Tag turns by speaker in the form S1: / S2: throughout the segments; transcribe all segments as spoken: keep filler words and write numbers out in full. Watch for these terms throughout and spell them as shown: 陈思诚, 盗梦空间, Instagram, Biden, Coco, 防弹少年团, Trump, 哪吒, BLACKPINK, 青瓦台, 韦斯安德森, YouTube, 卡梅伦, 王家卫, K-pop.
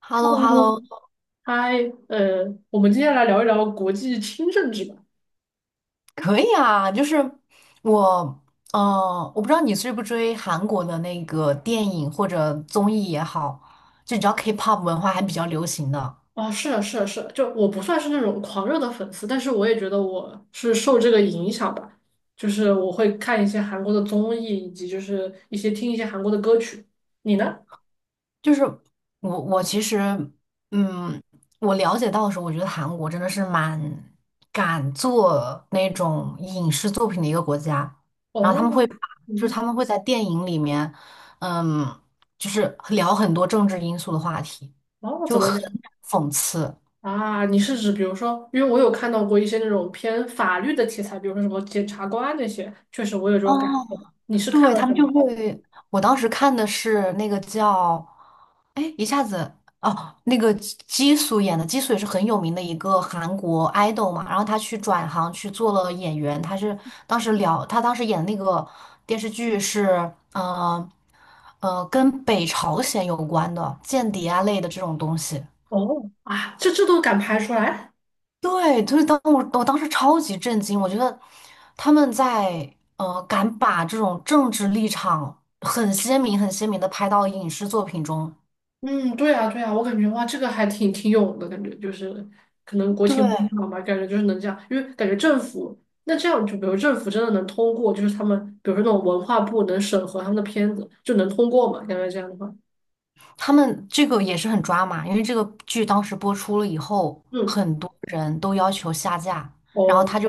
S1: h e l l o h e l l o
S2: 嗨，呃，我们今天来聊一聊国际轻政治吧。
S1: 可以啊，就是我，嗯，我不知道你追不追韩国的那个电影或者综艺也好，就你知道 K-pop 文化还比较流行的。
S2: 啊，是啊，是啊，是啊，就我不算是那种狂热的粉丝，但是我也觉得我是受这个影响吧，就是我会看一些韩国的综艺，以及就是一些听一些韩国的歌曲。你呢？
S1: 就是我我其实，嗯，我了解到的时候，我觉得韩国真的是蛮敢做那种影视作品的一个国家，然后他
S2: 哦，
S1: 们会把
S2: 你
S1: 就是
S2: 呢？
S1: 他们会在电影里面，嗯，就是聊很多政治因素的话题，
S2: 哦，怎
S1: 就
S2: 么
S1: 很
S2: 讲
S1: 讽刺。
S2: 啊？你是指比如说，因为我有看到过一些那种偏法律的题材，比如说什么检察官那些，确实我有这
S1: 哦，
S2: 种感受。你是看
S1: 对，
S2: 了
S1: 他
S2: 什
S1: 们就
S2: 么？
S1: 会，我当时看的是那个叫，哎，一下子哦，那个基基素演的，基素也是很有名的一个韩国 idol 嘛，然后他去转行去做了演员，他是当时聊，他当时演的那个电视剧是，呃呃，跟北朝鲜有关的间谍啊类的这种东西。
S2: 哦，啊，这这都敢拍出来？
S1: 对，就是当我我当时超级震惊，我觉得他们在呃敢把这种政治立场很鲜明、很鲜明的拍到影视作品中。
S2: 嗯，对啊，对啊，我感觉哇，这个还挺挺勇的感觉，就是可能国
S1: 对，
S2: 情不一样吧，感觉就是能这样，因为感觉政府那这样，就比如政府真的能通过，就是他们比如说那种文化部能审核他们的片子，就能通过嘛？感觉这样的话，
S1: 他们这个也是很抓马，因为这个剧当时播出了以后，
S2: 嗯，
S1: 很多人都要求下架，然后
S2: 哦，
S1: 他就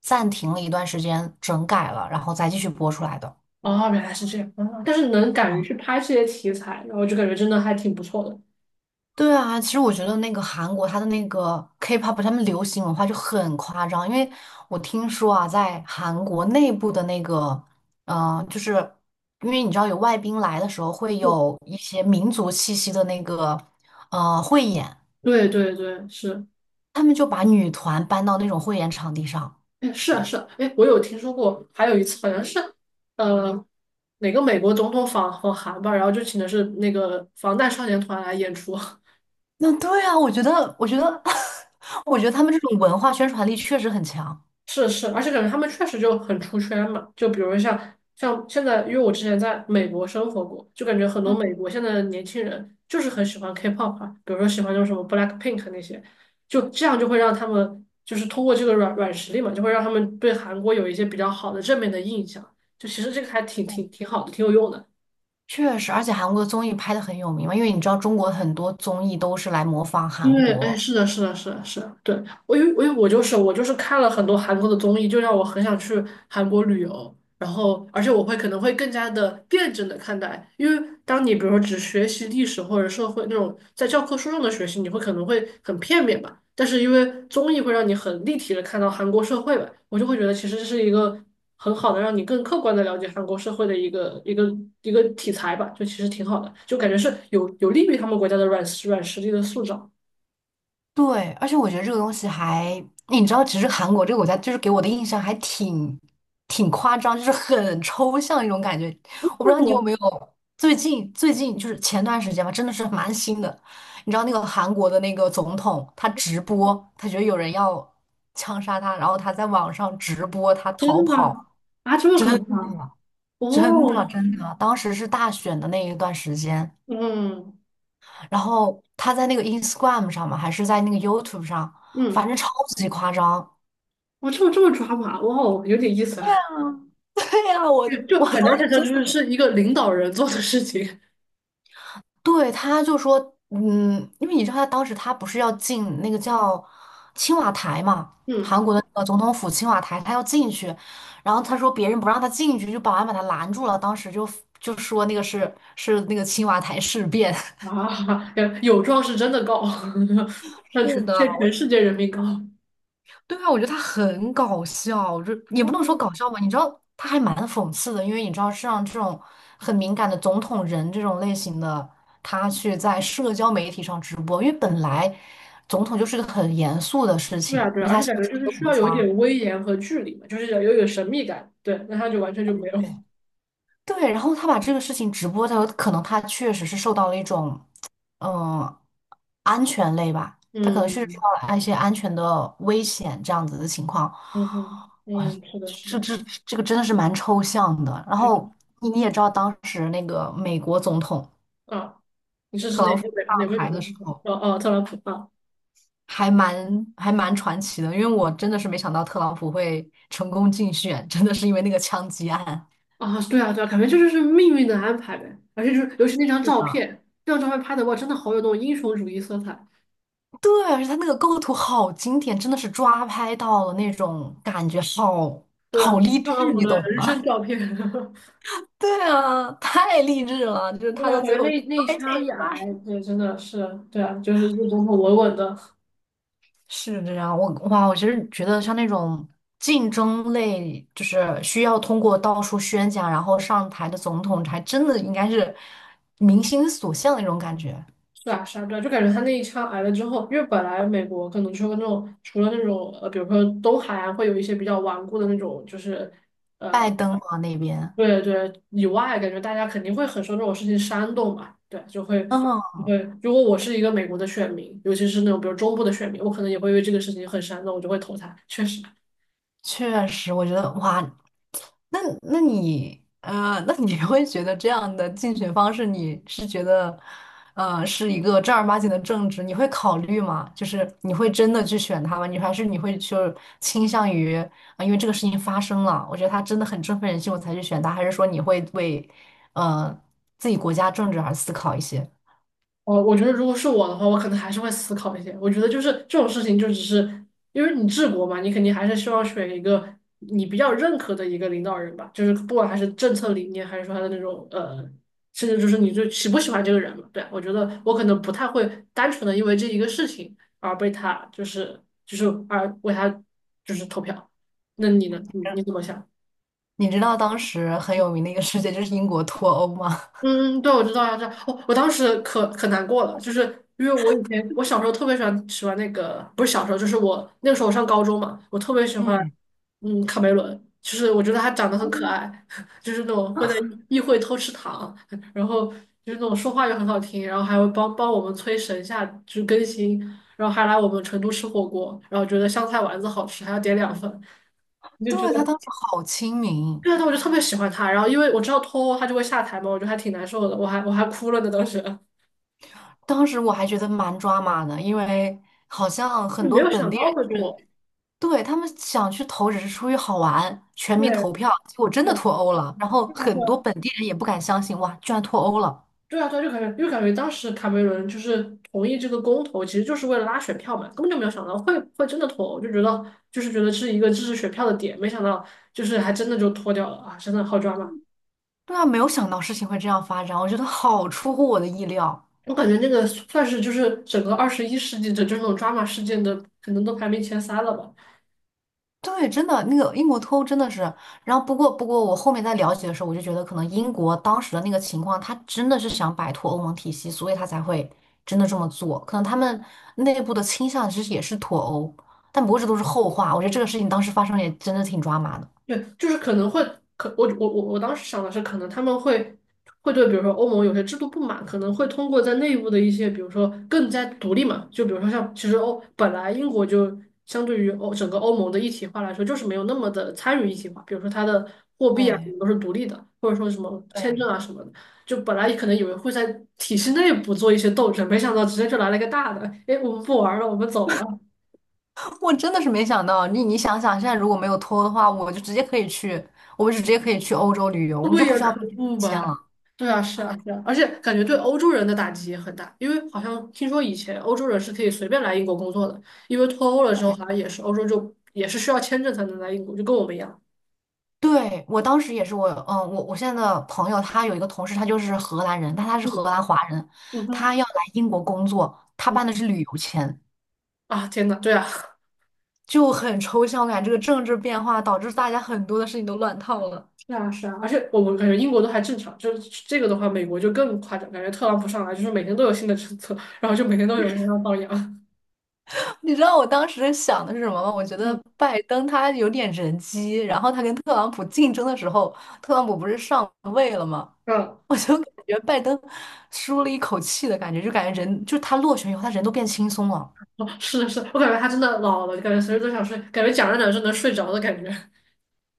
S1: 暂停了一段时间整改了，然后再继续播出来的。
S2: 哦，原来是这样，啊但是能敢于去拍这些题材，然后就感觉真的还挺不错的。
S1: 对啊，其实我觉得那个韩国它的那个 K-pop，他们流行文化就很夸张，因为我听说啊，在韩国内部的那个，呃，就是因为你知道有外宾来的时候会
S2: 嗯，
S1: 有一些民族气息的那个呃汇演，
S2: 对对对，是。
S1: 他们就把女团搬到那种汇演场地上。
S2: 哎，是啊，是啊，哎，我有听说过，还有一次好像是，呃，哪个美国总统访访韩吧，然后就请的是那个防弹少年团来演出。
S1: 那对啊，我觉得，我觉得，我觉得 他们这种文化宣传力确实很强。
S2: 是是，而且感觉他们确实就很出圈嘛。就比如像像现在，因为我之前在美国生活过，就感觉很多美国现在的年轻人就是很喜欢 K-pop 啊，比如说喜欢那种什么 BLACKPINK 那些，就这样就会让他们就是通过这个软软实力嘛，就会让他们对韩国有一些比较好的正面的印象。就其实这个还挺挺挺好的，挺有用的。
S1: 确实，而且韩国的综艺拍的很有名嘛，因为你知道中国很多综艺都是来模仿
S2: 因
S1: 韩
S2: 为哎，
S1: 国。
S2: 是的，是的，是的，是的，对，我因为我因为我就是我就是看了很多韩国的综艺，就让我很想去韩国旅游，然后而且我会可能会更加的辩证的看待，因为当你比如说只学习历史或者社会那种在教科书上的学习，你会可能会很片面吧，但是因为综艺会让你很立体的看到韩国社会吧，我就会觉得其实这是一个很好的让你更客观的了解韩国社会的一个一个一个题材吧，就其实挺好的，就感觉是有有利于他们国家的软软实力的塑造。
S1: 对，而且我觉得这个东西还，你知道，其实韩国这个国家就是给我的印象还挺挺夸张，就是很抽象一种感觉。我不知道你有
S2: 我
S1: 没有最近最近就是前段时间吧，真的是蛮新的。你知道那个韩国的那个总统，他直播，他觉得有人要枪杀他，然后他在网上直播他逃
S2: 真的吗？
S1: 跑。
S2: 啊这么
S1: 真
S2: 搞
S1: 的
S2: 笑啊！
S1: 真的
S2: 哦，
S1: 真的，当时是大选的那一段时间。
S2: 嗯
S1: 然后他在那个 Instagram 上嘛，还是在那个 YouTube 上，
S2: 嗯，
S1: 反正超级夸张。
S2: 哇，这么这么抓马，哇哦，有点意思啊！
S1: 对呀，我
S2: 就
S1: 我
S2: 就
S1: 当
S2: 很难
S1: 时
S2: 想象，
S1: 真
S2: 就是
S1: 的
S2: 是一个领导人做的事情。
S1: 对，他就说，嗯，因为你知道他当时他不是要进那个叫青瓦台嘛，
S2: 嗯
S1: 韩国的那个总统府青瓦台，他要进去，然后他说别人不让他进去，就保安把他拦住了，当时就就说那个是是那个青瓦台事变。
S2: 啊，有有状是真的高，向
S1: 是
S2: 全
S1: 的，
S2: 向全
S1: 我。
S2: 世界人民高。
S1: 对啊，我觉得他很搞笑，就也不能说
S2: 哦，
S1: 搞笑吧，你知道他还蛮讽刺的，因为你知道是让这种很敏感的总统人这种类型的，他去在社交媒体上直播，因为本来总统就是个很严肃的事
S2: 对
S1: 情，
S2: 啊
S1: 因
S2: 对啊，
S1: 为
S2: 而
S1: 他
S2: 且
S1: 是
S2: 感觉
S1: 一
S2: 就是
S1: 个
S2: 需
S1: 国
S2: 要有一
S1: 家。
S2: 点威严和距离嘛，就是要有一点神秘感。对，那他就完全就没有。
S1: 对对，然后他把这个事情直播，他可能他确实是受到了一种，嗯，安全类吧，他可能是受
S2: 嗯
S1: 到了一些安全的危险这样子的情况。
S2: 嗯嗯
S1: 哇，
S2: 嗯，是的，是的，
S1: 这这这个真的是蛮抽象的。然
S2: 确实
S1: 后你你也知道，当时那个美国总统
S2: 啊。你这是
S1: 特
S2: 哪
S1: 朗普
S2: 个美
S1: 上
S2: 哪个美
S1: 台
S2: 国
S1: 的时
S2: 总统？
S1: 候，
S2: 哦哦，特朗普啊。
S1: 还蛮还蛮传奇的，因为我真的是没想到特朗普会成功竞选，真的是因为那个枪击案。
S2: 啊，对啊，对啊，感觉这就是命运的安排呗。而且就是，尤其那张
S1: 是
S2: 照
S1: 的，
S2: 片，那张照片拍的哇，真的好有那种英雄主义色彩。
S1: 对，而且它那个构图好经典，真的是抓拍到了那种感觉好，
S2: 对啊，
S1: 好励
S2: 特朗
S1: 志，
S2: 普
S1: 你
S2: 的
S1: 懂
S2: 人生
S1: 吗？
S2: 照片，
S1: 对啊，太励志了，就是
S2: 对
S1: 他
S2: 吧？
S1: 到
S2: 感
S1: 最
S2: 觉
S1: 后
S2: 那那一
S1: 摔这
S2: 枪
S1: 一
S2: 一挨，
S1: 摔。
S2: 对，真的是，对啊，就是这总统稳稳的，
S1: 是这样，我哇，我其实觉得像那种竞争类，就是需要通过到处宣讲，然后上台的总统，还真的应该是民心所向的那种感觉。
S2: 是啊，是啊，对啊，就感觉他那一枪挨了之后，因为本来美国可能就了那种，除了那种呃，比如说东海岸会有一些比较顽固的那种，就是
S1: 拜登啊那边，
S2: 对对以外，感觉大家肯定会很受这种事情煽动嘛，对，就会
S1: 嗯，
S2: 对。如果我是一个美国的选民，尤其是那种比如中部的选民，我可能也会因为这个事情很煽动，我就会投他。确实，
S1: 确实，我觉得哇，那那你呃，那你会觉得这样的竞选方式，你是觉得呃是一个正儿八经的政治，你会考虑吗？就是你会真的去选他吗？你还是你会就倾向于啊、因为这个事情发生了，我觉得他真的很振奋人心，我才去选他，还是说你会为呃自己国家政治而思考一些？
S2: 我我觉得如果是我的话，我可能还是会思考一些。我觉得就是这种事情，就只是因为你治国嘛，你肯定还是希望选一个你比较认可的一个领导人吧，就是不管还是政策理念，还是说他的那种呃，甚至就是你就喜不喜欢这个人嘛。对啊，我觉得我可能不太会单纯的因为这一个事情而被他就是就是而为他就是投票。那你呢？你你怎么想？
S1: 你知道当时很有名的一个事件就是英国脱欧吗？
S2: 嗯，对，我知道呀，这道。哦，我当时可可难过了，就是因为我以前我小时候特别喜欢喜欢那个，不是小时候，就是我那个时候我上高中嘛，我特别喜 欢
S1: 嗯，
S2: 嗯卡梅伦，就是我觉得他长得很可爱，就是那种会在议会偷吃糖，然后就是那种说话又很好听，然后还会帮帮我们催神下就是更新，然后还来我们成都吃火锅，然后觉得香菜丸子好吃，还要点两份，你就觉
S1: 对，他
S2: 得。
S1: 当时好亲民。
S2: 对啊，但我就特别喜欢他。然后因为我知道脱欧他就会下台嘛，我觉得还挺难受的，我还我还哭了呢，当时
S1: 当时我还觉得蛮抓马的，因为好像很
S2: 就没
S1: 多
S2: 有
S1: 本
S2: 想
S1: 地
S2: 到会
S1: 人
S2: 脱。
S1: 是，对，他们想去投只是出于好玩，全
S2: 对，
S1: 民投票，结果真
S2: 对
S1: 的
S2: 啊，
S1: 脱欧了，然后
S2: 对啊，
S1: 很
S2: 对
S1: 多
S2: 啊，
S1: 本地人也不敢相信，哇，居然脱欧了。
S2: 对啊，对啊，就感觉就感觉当时卡梅伦就是同意这个公投，其实就是为了拉选票嘛，根本就没有想到会会真的脱欧，就觉得就是觉得是一个支持选票的点，没想到就是还真的就脱掉了啊，真的好抓马。
S1: 对啊，没有想到事情会这样发展，我觉得好出乎我的意料。
S2: 我感觉那个算是就是整个二十一世纪的这种抓马事件的，可能都排名前三了吧。
S1: 对，真的，那个英国脱欧真的是，然后不过不过，我后面在了解的时候，我就觉得可能英国当时的那个情况，他真的是想摆脱欧盟体系，所以他才会真的这么做。可能他们内部的倾向其实也是脱欧，但不过这都是后话。我觉得这个事情当时发生也真的挺抓马的。
S2: 对，就是可能会，可我我我我当时想的是，可能他们会会对，比如说欧盟有些制度不满，可能会通过在内部的一些，比如说更加独立嘛，就比如说像其实欧本来英国就相对于欧整个欧盟的一体化来说，就是没有那么的参与一体化，比如说它的货币啊什
S1: 对
S2: 么都是独立的，或者说什么签证
S1: 对，
S2: 啊什么的，就本来可能以为会在体系内部做一些斗争，没想到直接就来了一个大的，哎，我们不玩了，我们走了。
S1: 我真的是没想到，你你想想，现在如果没有脱欧的话，我就直接可以去，我们就直接可以去欧洲旅游，我们就
S2: 对
S1: 不
S2: 呀，
S1: 需要
S2: 可
S1: 办
S2: 不
S1: 签
S2: 吧？
S1: 了。
S2: 对啊，是啊，是啊，而且感觉对欧洲人的打击也很大，因为好像听说以前欧洲人是可以随便来英国工作的，因为脱欧了之后，好像也是欧洲就也是需要签证才能来英国，就跟我们一样。
S1: 对，我当时也是我，嗯，我我现在的朋友，他有一个同事，他就是荷兰人，但他是荷
S2: 嗯
S1: 兰华人，
S2: 嗯哼，
S1: 他要来英国工作，他
S2: 嗯
S1: 办的是旅游签，
S2: 啊，天呐，对啊，
S1: 就很抽象，我感觉这个政治变化导致大家很多的事情都乱套了。
S2: 是啊是啊，而且我们感觉英国都还正常，就是这个的话，美国就更夸张，感觉特朗普上来就是每天都有新的政策，然后就每天都有人要放羊。
S1: 你知道我当时想的是什么吗？我觉得
S2: 嗯
S1: 拜登他有点人机，然后他跟特朗普竞争的时候，特朗普不是上位了吗？
S2: 嗯
S1: 我就感觉拜登舒了一口气的感觉，就感觉人，就他落选以后，他人都变轻松了。
S2: 哦，是的是的，我感觉他真的老了，感觉随时都想睡，感觉讲着讲着就能睡着的感觉。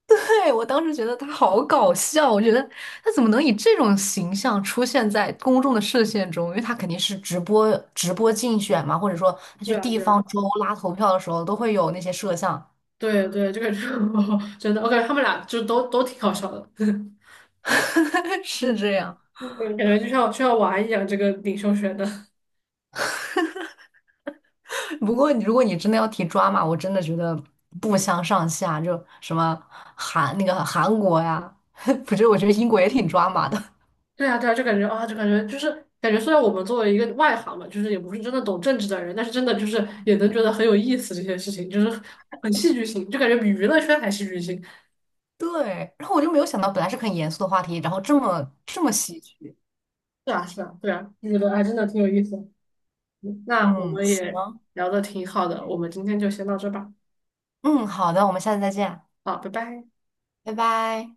S1: 对，我当时觉得他好搞笑，我觉得他怎么能以这种形象出现在公众的视线中？因为他肯定是直播直播竞选嘛，或者说他
S2: 对
S1: 去
S2: 啊，
S1: 地
S2: 对啊。
S1: 方州拉投票的时候都会有那些摄像，
S2: 对对，这个就 真的，我感觉他们俩就都都挺好笑的，对
S1: 是这样。
S2: 感觉就像就像玩一样，这个领袖学的。
S1: 不过你如果你真的要提抓马，我真的觉得不相上下，就什么韩那个韩国呀，不是，我觉得英国也挺抓马的。
S2: 对啊对啊，就感觉啊，就感觉就是感觉，虽然我们作为一个外行嘛，就是也不是真的懂政治的人，但是真的就是也能觉得很有意思这些事情，就是很戏剧性，就感觉比娱乐圈还戏剧性。
S1: 对，然后我就没有想到，本来是很严肃的话题，然后这么这么喜剧。
S2: 是啊是啊，对啊，就觉得还真的挺有意思的。嗯那我
S1: 嗯。
S2: 们也
S1: 行。
S2: 聊的挺好的，我们今天就先到这吧，
S1: 嗯，好的，我们下次再见，
S2: 好，拜拜。
S1: 拜拜。